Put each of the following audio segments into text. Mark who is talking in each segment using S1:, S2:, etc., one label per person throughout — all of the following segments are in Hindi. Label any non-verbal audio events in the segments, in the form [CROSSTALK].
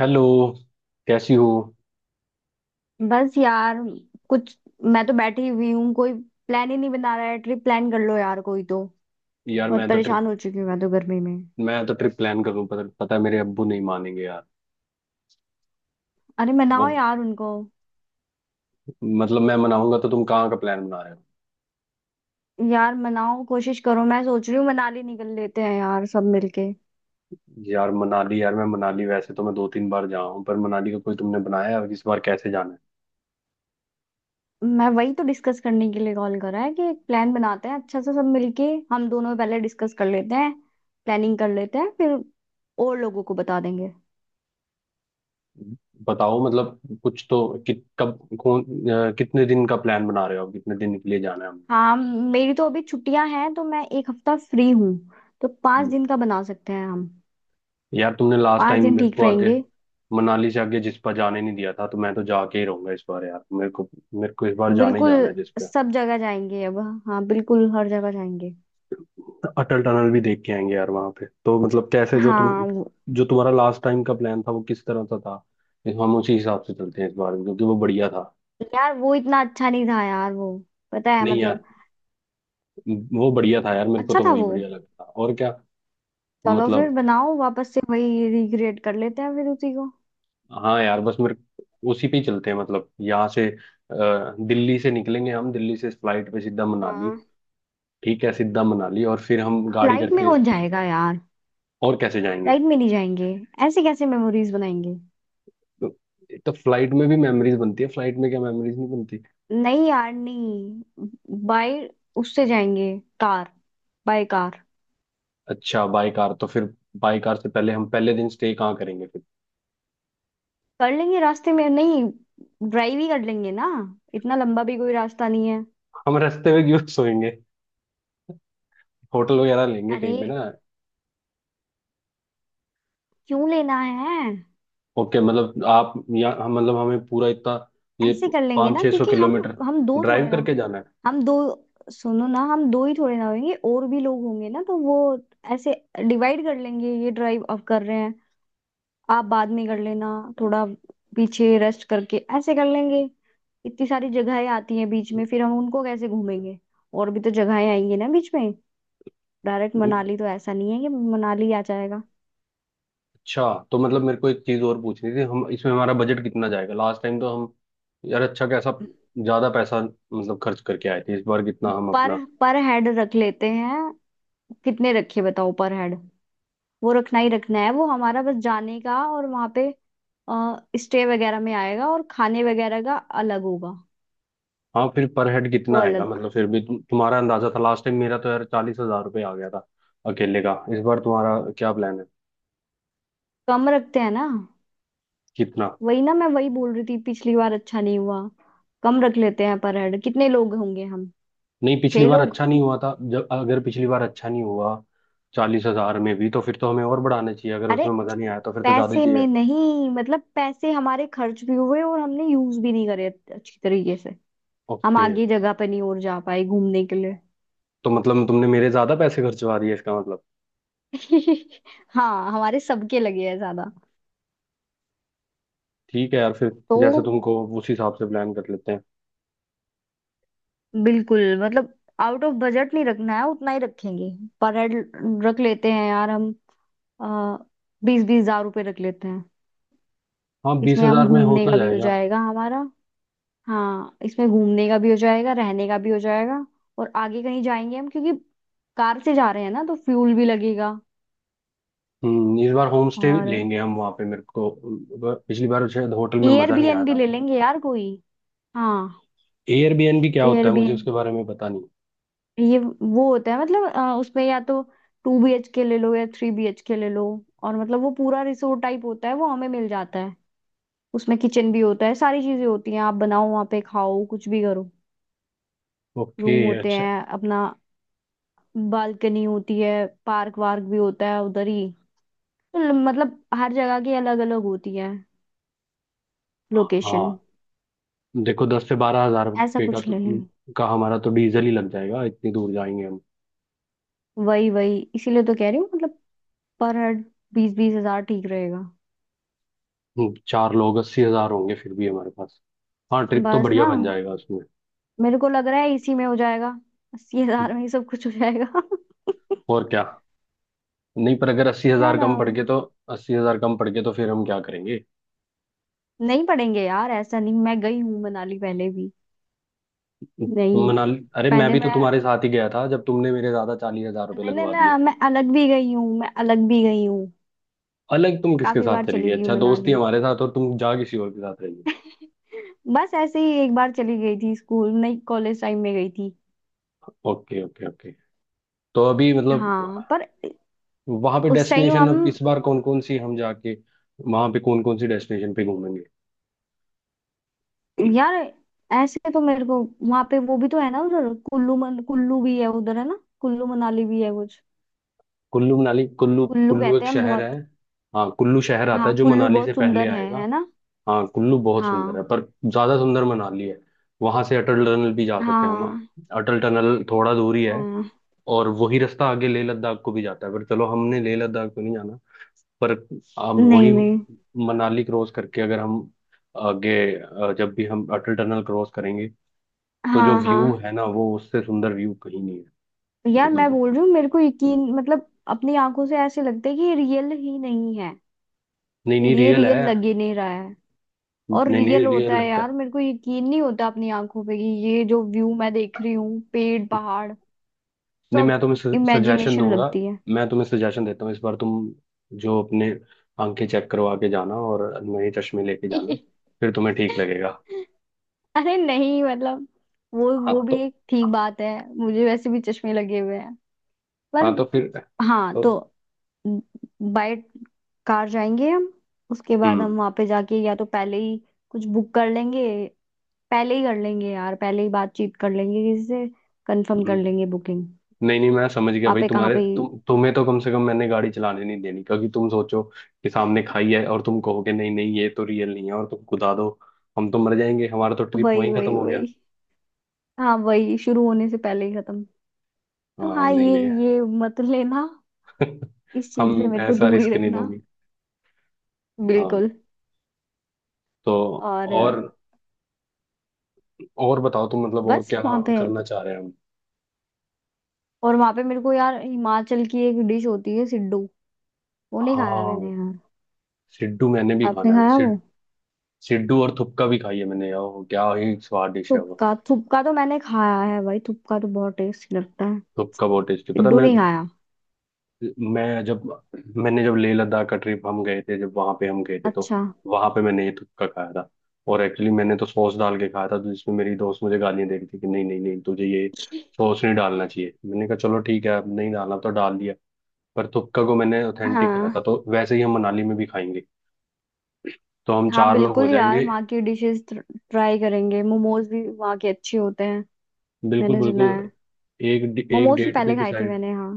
S1: हेलो। कैसी हो।
S2: बस यार। कुछ मैं तो बैठी हुई हूँ, कोई प्लान ही नहीं बना रहा है। ट्रिप प्लान कर लो यार कोई तो।
S1: यार
S2: बहुत परेशान हो चुकी हूँ मैं तो गर्मी में।
S1: मैं तो ट्रिप प्लान कर रहा हूँ। पता है मेरे अब्बू नहीं मानेंगे यार।
S2: अरे
S1: वो
S2: मनाओ यार उनको।
S1: मतलब मैं मनाऊंगा तो तुम कहाँ का प्लान बना रहे हो।
S2: यार मनाओ, कोशिश करो। मैं सोच रही हूँ मनाली निकल लेते हैं यार सब मिलके।
S1: यार मनाली। यार मैं मनाली, वैसे तो मैं दो तीन बार जा हूँ। पर मनाली का कोई तुमने बनाया है इस बार कैसे जाना
S2: मैं वही तो डिस्कस करने के लिए कॉल करा है कि एक प्लान बनाते हैं अच्छा सा सब मिलके। हम दोनों पहले डिस्कस कर लेते हैं, प्लानिंग कर लेते हैं, फिर और लोगों को बता देंगे।
S1: है। बताओ मतलब कुछ तो कब कौन, कितने दिन का प्लान बना रहे हो, कितने दिन के लिए जाना है हमने।
S2: हाँ, मेरी तो अभी छुट्टियां हैं तो मैं एक हफ्ता फ्री हूँ। तो पाँच
S1: हम्म,
S2: दिन का बना सकते हैं हम।
S1: यार तुमने लास्ट
S2: पांच
S1: टाइम
S2: दिन
S1: मेरे
S2: ठीक
S1: को आगे
S2: रहेंगे।
S1: मनाली से आगे जिस पर जाने नहीं दिया था, तो मैं तो जाके ही रहूंगा इस बार यार मेरे को। मेरे को इस बार जाने ही
S2: बिल्कुल,
S1: जाना है जिस पे।
S2: सब जगह जाएंगे अब। हाँ बिल्कुल, हर जगह जाएंगे।
S1: अटल टनल भी देख के आएंगे यार वहां पे, तो मतलब कैसे
S2: हाँ।
S1: जो तुम्हारा लास्ट टाइम का प्लान था वो किस तरह का था। हम उसी हिसाब से चलते हैं इस बार भी, क्योंकि वो बढ़िया था।
S2: यार वो इतना अच्छा नहीं था यार वो। पता है
S1: नहीं
S2: मतलब।
S1: यार, वो बढ़िया था यार। मेरे को
S2: अच्छा
S1: तो
S2: था
S1: वही
S2: वो।
S1: बढ़िया लगता, और क्या।
S2: चलो फिर
S1: मतलब।
S2: बनाओ, वापस से वही रिक्रिएट कर लेते हैं फिर उसी को।
S1: हाँ यार, बस मेरे उसी पे ही चलते हैं। मतलब दिल्ली से निकलेंगे हम, दिल्ली से फ्लाइट पे सीधा मनाली।
S2: हाँ।
S1: ठीक है, सीधा मनाली और फिर हम गाड़ी
S2: फ्लाइट में
S1: करके।
S2: कौन जाएगा यार?
S1: और कैसे जाएंगे।
S2: फ्लाइट में नहीं जाएंगे। ऐसे कैसे मेमोरीज बनाएंगे?
S1: तो, तो फ्लाइट में भी मेमोरीज बनती है, फ्लाइट में क्या मेमोरीज नहीं।
S2: नहीं यार नहीं। बाय। उससे जाएंगे। कार। By car.
S1: अच्छा बाई कार। तो फिर बाई कार से पहले हम पहले दिन स्टे कहाँ करेंगे फिर।
S2: कर लेंगे रास्ते में, नहीं, ड्राइव ही कर लेंगे ना। इतना लंबा भी कोई रास्ता नहीं है।
S1: हम रास्ते में क्यों सोएंगे। होटल वगैरह लेंगे
S2: अरे,
S1: कहीं पे ना।
S2: क्यों लेना है?
S1: ओके मतलब आप या हम, मतलब हमें पूरा इतना ये
S2: ऐसे कर लेंगे
S1: पाँच
S2: ना
S1: छः सौ
S2: क्योंकि हम।
S1: किलोमीटर
S2: हम दो
S1: ड्राइव
S2: थोड़े ना।
S1: करके जाना
S2: हम दो। सुनो ना, हम दो ही थोड़े ना होंगे, और भी लोग होंगे ना तो वो ऐसे डिवाइड कर लेंगे ये ड्राइव। अब कर रहे हैं, आप बाद में कर लेना। थोड़ा पीछे रेस्ट करके ऐसे कर लेंगे। इतनी सारी जगहें आती हैं बीच में, फिर हम उनको कैसे घूमेंगे? और भी तो जगहें आएंगी ना बीच में। डायरेक्ट
S1: है।
S2: मनाली तो ऐसा नहीं है कि मनाली आ जाएगा।
S1: अच्छा, तो मतलब मेरे को एक चीज़ और पूछनी थी, हम इसमें हमारा बजट कितना जाएगा। लास्ट टाइम तो हम, यार अच्छा कैसा ज़्यादा पैसा मतलब खर्च करके आए थे, इस बार कितना हम अपना।
S2: पर पर हेड रख लेते हैं। कितने रखे बताओ पर हेड? वो रखना ही रखना है, वो हमारा बस जाने का, और वहां पे स्टे वगैरह में आएगा, और खाने वगैरह का अलग होगा।
S1: हाँ फिर पर हेड
S2: वो
S1: कितना आएगा,
S2: अलग।
S1: मतलब फिर भी तुम्हारा अंदाजा था लास्ट टाइम। मेरा तो यार 40 हजार रुपये आ गया था अकेले का। इस बार तुम्हारा क्या प्लान है,
S2: कम रखते हैं ना।
S1: कितना।
S2: वही ना, मैं वही बोल रही थी पिछली बार अच्छा नहीं हुआ। कम रख लेते हैं पर हेड, कितने लोग होंगे हम?
S1: नहीं, पिछली
S2: छह
S1: बार
S2: लोग।
S1: अच्छा नहीं हुआ था जब, अगर पिछली बार अच्छा नहीं हुआ 40 हजार में भी, तो फिर तो हमें और बढ़ाना चाहिए। अगर
S2: अरे
S1: उसमें मजा नहीं आया तो फिर तो ज्यादा
S2: पैसे
S1: चाहिए।
S2: में नहीं, मतलब पैसे हमारे खर्च भी हुए और हमने यूज भी नहीं करे अच्छी तरीके से। हम
S1: ओके।
S2: आगे जगह पे नहीं और जा पाए घूमने के लिए।
S1: तो मतलब तुमने मेरे ज्यादा पैसे खर्चवा दिए इसका मतलब।
S2: [LAUGHS] हाँ, हमारे सबके लगे हैं ज्यादा।
S1: ठीक है यार, फिर जैसे
S2: तो
S1: तुमको, उस हिसाब से प्लान कर लेते हैं।
S2: बिल्कुल मतलब आउट ऑफ बजट नहीं रखना है, उतना ही रखेंगे। पर हेड रख लेते हैं यार हम, आ, बीस बीस हजार रुपये रख लेते हैं।
S1: हाँ, बीस
S2: इसमें हम
S1: हजार में हो
S2: घूमने
S1: तो
S2: का भी हो
S1: जाएगा।
S2: जाएगा हमारा। हाँ, इसमें घूमने का भी हो जाएगा, रहने का भी हो जाएगा, और आगे कहीं जाएंगे हम, क्योंकि कार से जा रहे हैं ना तो फ्यूल भी लगेगा।
S1: इस बार होम स्टे
S2: और
S1: लेंगे हम वहाँ पे मेरे को। पिछली बार शायद होटल में मजा नहीं आया
S2: एयरबीएनबी
S1: था।
S2: ले लेंगे यार कोई। हाँ।
S1: एयरबीएनबी क्या होता है, मुझे
S2: एयरबीएनबी
S1: उसके बारे में पता नहीं।
S2: ये वो होता है मतलब, उसमें या तो टू बी एच के ले लो या थ्री बी एच के ले लो, और मतलब वो पूरा रिसोर्ट टाइप होता है, वो हमें मिल जाता है। उसमें किचन भी होता है, सारी चीजें होती हैं, आप बनाओ वहाँ पे खाओ कुछ भी करो।
S1: ओके
S2: रूम होते
S1: अच्छा।
S2: हैं अपना, बालकनी होती है, पार्क वार्क भी होता है उधर ही। तो मतलब हर जगह की अलग अलग होती है लोकेशन।
S1: हाँ। देखो दस से बारह हजार
S2: ऐसा
S1: रुपये का
S2: कुछ
S1: तो
S2: ले लें।
S1: का हमारा तो डीजल ही लग जाएगा, इतनी दूर जाएंगे हम।
S2: वही वही, इसीलिए तो कह रही हूँ मतलब। पर हेड बीस बीस हजार ठीक रहेगा।
S1: चार लोग 80 हजार होंगे फिर भी हमारे पास। हाँ ट्रिप तो
S2: बस
S1: बढ़िया
S2: ना,
S1: बन जाएगा उसमें।
S2: मेरे को लग रहा है इसी में हो जाएगा। 80,000 में ही सब कुछ हो जाएगा। [LAUGHS]
S1: और क्या। नहीं पर अगर अस्सी
S2: है
S1: हजार
S2: ना।
S1: कम पड़ के तो फिर हम क्या करेंगे।
S2: नहीं पढ़ेंगे यार ऐसा नहीं, मैं गई हूँ मनाली पहले भी।
S1: तुम
S2: नहीं
S1: मनाली अरे मैं
S2: पहले
S1: भी तो
S2: मैं,
S1: तुम्हारे साथ ही गया था जब तुमने मेरे ज्यादा 40 हजार रुपये
S2: नहीं नहीं
S1: लगवा
S2: ना,
S1: दिए।
S2: मैं अलग भी गई हूँ, मैं अलग भी गई हूँ।
S1: अलग तुम किसके
S2: काफी
S1: साथ
S2: बार
S1: चली गई,
S2: चली गई हूँ
S1: अच्छा दोस्त ही
S2: मनाली।
S1: हमारे साथ और तुम जा किसी और के साथ रही।
S2: बस ऐसे ही एक बार चली गई थी, स्कूल नहीं कॉलेज टाइम में गई थी।
S1: हो, ओके ओके ओके। तो अभी मतलब
S2: हाँ पर
S1: वहां पे
S2: उस टाइम
S1: डेस्टिनेशन,
S2: हम।
S1: अब इस बार कौन कौन सी हम जाके, वहां पे कौन कौन सी डेस्टिनेशन पे घूमेंगे।
S2: यार ऐसे तो मेरे को वहां पे वो भी तो है ना उधर, कुल्लू मन कुल्लू भी है उधर, है ना, कुल्लू मनाली भी है कुछ।
S1: कुल्लू मनाली, कुल्लू
S2: कुल्लू
S1: कुल्लू
S2: कहते
S1: एक
S2: हैं
S1: शहर
S2: बहुत।
S1: है। हाँ कुल्लू शहर आता है
S2: हाँ
S1: जो
S2: कुल्लू
S1: मनाली से
S2: बहुत
S1: पहले
S2: सुंदर
S1: आएगा।
S2: है ना।
S1: हाँ कुल्लू बहुत सुंदर
S2: हाँ।
S1: है पर ज्यादा सुंदर मनाली है। वहां से अटल टनल भी जा सकते हैं हम।
S2: हाँ।
S1: अटल टनल थोड़ा दूर ही है।
S2: हाँ।
S1: और वही रास्ता आगे लेह लद्दाख को भी जाता है, पर चलो हमने लेह लद्दाख को नहीं जाना। पर हम
S2: नहीं
S1: वही
S2: नहीं।
S1: मनाली क्रॉस करके अगर हम आगे अ, जब भी हम अटल टनल क्रॉस करेंगे, तो जो
S2: हाँ। हाँ।
S1: व्यू है ना वो, उससे सुंदर व्यू कहीं नहीं है।
S2: यार मैं
S1: मतलब
S2: बोल रही हूँ, मेरे को यकीन मतलब अपनी आंखों से ऐसे लगता है कि ये रियल ही नहीं है।
S1: नहीं नहीं,
S2: ये
S1: रियल
S2: रियल
S1: है।
S2: लग ही नहीं रहा है। और
S1: नहीं
S2: रियल
S1: नहीं, रियल
S2: होता है
S1: लगता
S2: यार,
S1: है।
S2: मेरे को यकीन नहीं होता अपनी आंखों पे कि ये जो व्यू मैं देख रही हूँ पेड़ पहाड़
S1: नहीं,
S2: सब,
S1: सजेशन
S2: इमेजिनेशन
S1: दूंगा
S2: लगती है।
S1: मैं तुम्हें सजेशन देता हूँ, इस बार तुम जो अपने आंखें चेक करवा के जाना और नए चश्मे लेके जाना।
S2: [LAUGHS]
S1: फिर तुम्हें ठीक लगेगा।
S2: अरे नहीं मतलब, वो
S1: हाँ
S2: वो भी
S1: तो
S2: एक ठीक बात है। मुझे वैसे भी चश्मे लगे हुए हैं पर।
S1: हाँ तो फिर
S2: हाँ
S1: तो
S2: तो। बाय कार जाएंगे हम। उसके बाद
S1: हम्म
S2: हम वहां पे जाके या तो पहले ही कुछ बुक कर लेंगे। पहले ही कर लेंगे यार, पहले ही बातचीत कर लेंगे किसी से, कंफर्म कर
S1: हम्म।
S2: लेंगे बुकिंग।
S1: नहीं नहीं, मैं समझ गया
S2: वहां
S1: भाई।
S2: पे कहाँ
S1: तुम्हारे
S2: पे।
S1: तुम तुम्हें तो कम से कम मैंने गाड़ी चलाने नहीं देनी, क्योंकि तुम सोचो कि सामने खाई है और तुम कहोगे नहीं नहीं ये तो रियल नहीं है और तुम कुदा दो। हम तो मर जाएंगे, हमारा तो ट्रिप
S2: वही
S1: वहीं खत्म
S2: वही
S1: हो गया।
S2: वही। हाँ वही, शुरू होने से पहले ही खत्म। तो
S1: हाँ
S2: हाँ,
S1: नहीं
S2: ये
S1: नहीं।
S2: ये मत लेना।
S1: [LAUGHS]
S2: इस चीज से
S1: हम
S2: मेरे को
S1: ऐसा
S2: दूर ही
S1: रिस्क नहीं
S2: रखना।
S1: लोगे। हाँ
S2: बिल्कुल।
S1: तो,
S2: और
S1: और और बताओ तुम, मतलब और
S2: बस
S1: क्या
S2: वहां पे,
S1: करना चाह रहे हैं हम।
S2: और वहां पे मेरे को यार हिमाचल की एक डिश होती है सिड्डू, वो नहीं खाया मैंने
S1: हाँ
S2: यार।
S1: सिड्डू मैंने भी खाना
S2: आपने
S1: है।
S2: खाया वो?
S1: सिड्डू और थुपका भी खाई है मैंने यार, वो क्या ही स्वाद डिश है वो।
S2: थुपका, थुपका तो मैंने खाया है भाई, थुपका तो बहुत टेस्टी लगता है।
S1: थुपका बहुत टेस्टी, पता है
S2: सिड्डू नहीं
S1: मेरे,
S2: खाया।
S1: मैं जब मैंने जब लेह लद्दाख का ट्रिप हम गए थे, जब वहां पे हम गए थे, तो
S2: अच्छा।
S1: वहां पे मैंने ये तुक्का खाया था। और एक्चुअली मैंने तो सॉस डाल के खाया था, तो जिसमें मेरी दोस्त मुझे गालियां दे रही थी कि नहीं नहीं नहीं तुझे ये सॉस नहीं डालना चाहिए। मैंने कहा चलो ठीक है, अब नहीं डालना, तो डाल दिया। पर तुक्का को मैंने ऑथेंटिक खाया
S2: हाँ
S1: था, तो वैसे ही हम मनाली में भी खाएंगे। तो हम
S2: हाँ
S1: चार लोग हो
S2: बिल्कुल यार,
S1: जाएंगे।
S2: वहाँ की डिशेस ट्राई करेंगे, मोमोज भी वहाँ के अच्छे होते हैं,
S1: बिल्कुल
S2: मैंने सुना
S1: बिल्कुल।
S2: है।
S1: एक एक
S2: मोमोज तो
S1: डेट भी
S2: पहले खाए थे
S1: डिसाइड।
S2: मैंने हाँ।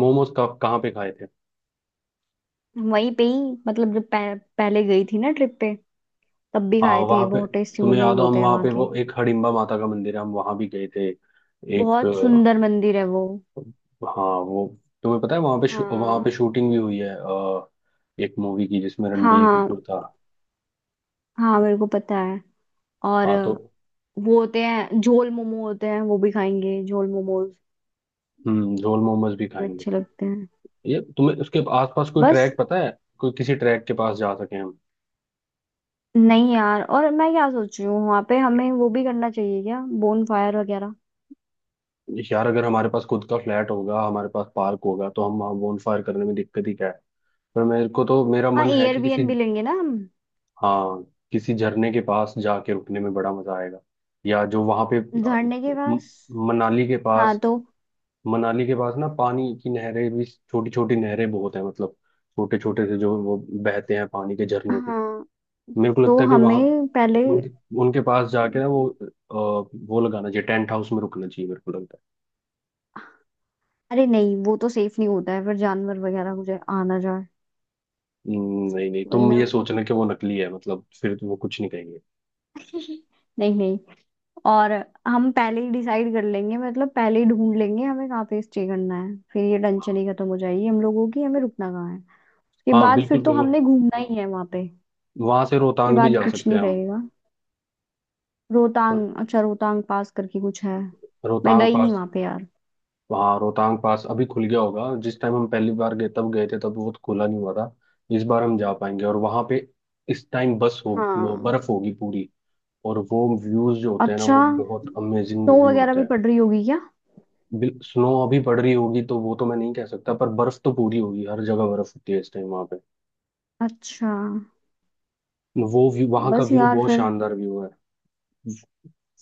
S1: मोमोज कहाँ पे खाए थे।
S2: वहीं पे ही, मतलब जब पहले गई थी ना ट्रिप पे, तब भी
S1: हाँ
S2: खाए थे।
S1: वहां पे,
S2: बहुत टेस्टी
S1: तुम्हें
S2: मोमोज
S1: याद हो हम
S2: होते हैं
S1: वहां
S2: वहाँ
S1: पे
S2: के।
S1: वो एक हडिम्बा माता का मंदिर है, हम वहां भी गए थे। एक
S2: बहुत
S1: अ,
S2: सुंदर मंदिर है वो।
S1: हाँ वो, तुम्हें पता है वहां पे
S2: हाँ
S1: शूटिंग भी हुई है, एक मूवी की जिसमें
S2: हाँ।
S1: रणबीर
S2: हाँ
S1: कपूर था।
S2: हाँ मेरे को पता है। और
S1: हाँ तो
S2: वो होते हैं झोल मोमो, होते हैं, वो भी खाएंगे झोल मोमोज।
S1: झोल मोमोज भी
S2: वो
S1: खाएंगे।
S2: अच्छे लगते हैं।
S1: ये तुम्हें उसके आसपास कोई
S2: बस
S1: ट्रैक पता है, कोई किसी ट्रैक के पास जा सके हम।
S2: नहीं यार, और मैं क्या सोच रही हूँ वहां पे हमें वो भी करना चाहिए क्या, बोन फायर वगैरह।
S1: यार अगर हमारे पास खुद का फ्लैट होगा, हमारे पास पार्क होगा, तो हम वहाँ bonfire करने में दिक्कत ही क्या है। पर मेरे को तो मेरा
S2: हाँ
S1: मन है कि किसी,
S2: एयरबीएनबी लेंगे ना हम।
S1: हाँ, किसी झरने के पास जाके रुकने में बड़ा मजा आएगा। या जो वहां पे
S2: झरने के
S1: म-
S2: पास।
S1: मनाली के
S2: हाँ
S1: पास,
S2: तो।
S1: मनाली के पास ना पानी की नहरें भी, छोटी छोटी नहरें बहुत हैं, मतलब छोटे छोटे से जो वो बहते हैं पानी के झरने से।
S2: हाँ
S1: मेरे को
S2: तो
S1: लगता है कि वहां
S2: हमें पहले,
S1: उनके, उनके पास जाके ना वो लगाना चाहिए, टेंट हाउस में रुकना चाहिए मेरे को लगता है।
S2: अरे नहीं वो तो सेफ नहीं होता है, फिर जानवर वगैरह मुझे आना जाए।
S1: नहीं नहीं
S2: वही
S1: तुम
S2: ना।
S1: ये
S2: [LAUGHS]
S1: सोचना कि वो नकली है, मतलब फिर तो वो कुछ नहीं कहेंगे।
S2: नहीं नहीं। और हम पहले ही डिसाइड कर लेंगे, मतलब पहले ही ढूंढ लेंगे हमें कहाँ पे स्टे करना है, फिर ये टेंशन ही खत्म हो जाएगी हम लोगों की, हमें रुकना कहाँ है। उसके
S1: हाँ
S2: बाद फिर
S1: बिल्कुल
S2: तो हमने
S1: बिल्कुल।
S2: घूमना ही है वहां पे।
S1: वहां से
S2: ये
S1: रोहतांग भी
S2: बात।
S1: जा
S2: कुछ
S1: सकते
S2: नहीं
S1: हैं हम।
S2: रहेगा। रोहतांग, अच्छा रोहतांग पास करके कुछ है, मैं
S1: रोहतांग
S2: गई नहीं
S1: पास।
S2: वहां पे यार।
S1: वहाँ रोहतांग पास अभी खुल गया होगा, जिस टाइम हम पहली बार गए तब गए थे तब वो तो खुला नहीं हुआ था। इस बार हम जा पाएंगे और वहाँ पे इस टाइम बस होगी, वो
S2: हाँ।
S1: बर्फ होगी पूरी। और वो व्यूज जो होते हैं ना,
S2: अच्छा।
S1: वो बहुत अमेजिंग
S2: स्नो
S1: व्यू
S2: वगैरह
S1: होते
S2: भी
S1: हैं।
S2: पड़ रही होगी क्या?
S1: स्नो अभी पड़ रही होगी तो वो तो मैं नहीं कह सकता, पर बर्फ तो पूरी होगी, हर जगह बर्फ होती है इस टाइम वहाँ पे।
S2: अच्छा।
S1: वो व्यू, वहाँ का
S2: बस
S1: व्यू
S2: यार
S1: बहुत
S2: फिर।
S1: शानदार व्यू है।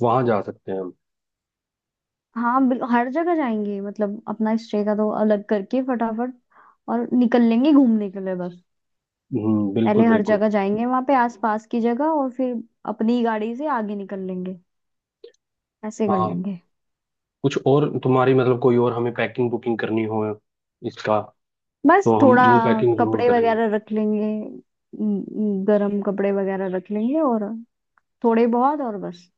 S1: वहाँ जा सकते हैं हम।
S2: हाँ हर जगह जाएंगे, मतलब अपना स्टे का तो अलग करके फटाफट और निकल लेंगे घूमने के लिए बस।
S1: बिल्कुल
S2: पहले हर
S1: बिल्कुल।
S2: जगह जाएंगे वहां पे आसपास की जगह, और फिर अपनी गाड़ी से आगे निकल लेंगे। ऐसे कर
S1: हाँ
S2: लेंगे।
S1: कुछ और तुम्हारी, मतलब कोई और हमें पैकिंग बुकिंग करनी हो इसका,
S2: बस
S1: तो हम
S2: थोड़ा
S1: वो पैकिंग जरूर
S2: कपड़े
S1: करेंगे।
S2: वगैरह रख लेंगे, गर्म कपड़े वगैरह रख लेंगे, और थोड़े बहुत और बस।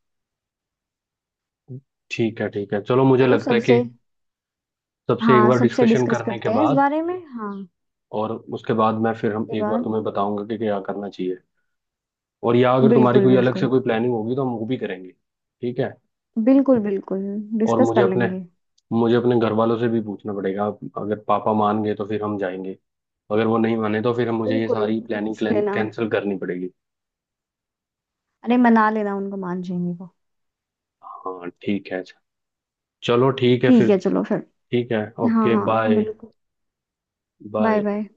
S1: ठीक है चलो, मुझे
S2: चलो
S1: लगता है कि
S2: सबसे।
S1: सबसे एक
S2: हाँ
S1: बार
S2: सबसे
S1: डिस्कशन
S2: डिस्कस
S1: करने के
S2: करते हैं इस
S1: बाद,
S2: बारे में हाँ।
S1: और उसके बाद मैं फिर हम
S2: ये
S1: एक बार
S2: बात।
S1: तुम्हें बताऊंगा कि क्या करना चाहिए। और या अगर तुम्हारी
S2: बिल्कुल
S1: कोई अलग से
S2: बिल्कुल।
S1: कोई प्लानिंग होगी तो हम वो भी करेंगे। ठीक है।
S2: बिल्कुल बिल्कुल
S1: और
S2: डिस्कस
S1: मुझे
S2: कर
S1: अपने
S2: लेंगे।
S1: मुझे अपने घर वालों से भी पूछना पड़ेगा। अगर पापा मान गए तो फिर हम जाएंगे। अगर वो नहीं माने तो फिर हम, मुझे ये
S2: बिल्कुल,
S1: सारी
S2: पूछ
S1: प्लानिंग
S2: लेना।
S1: कैंसिल करनी पड़ेगी।
S2: अरे मना लेना उनको, मान जाएंगे वो।
S1: हाँ ठीक है अच्छा। चलो ठीक है
S2: ठीक
S1: फिर।
S2: है चलो फिर।
S1: ठीक है।
S2: हाँ
S1: ओके
S2: हाँ
S1: बाय।
S2: बिल्कुल। Bye
S1: bye.
S2: बाय।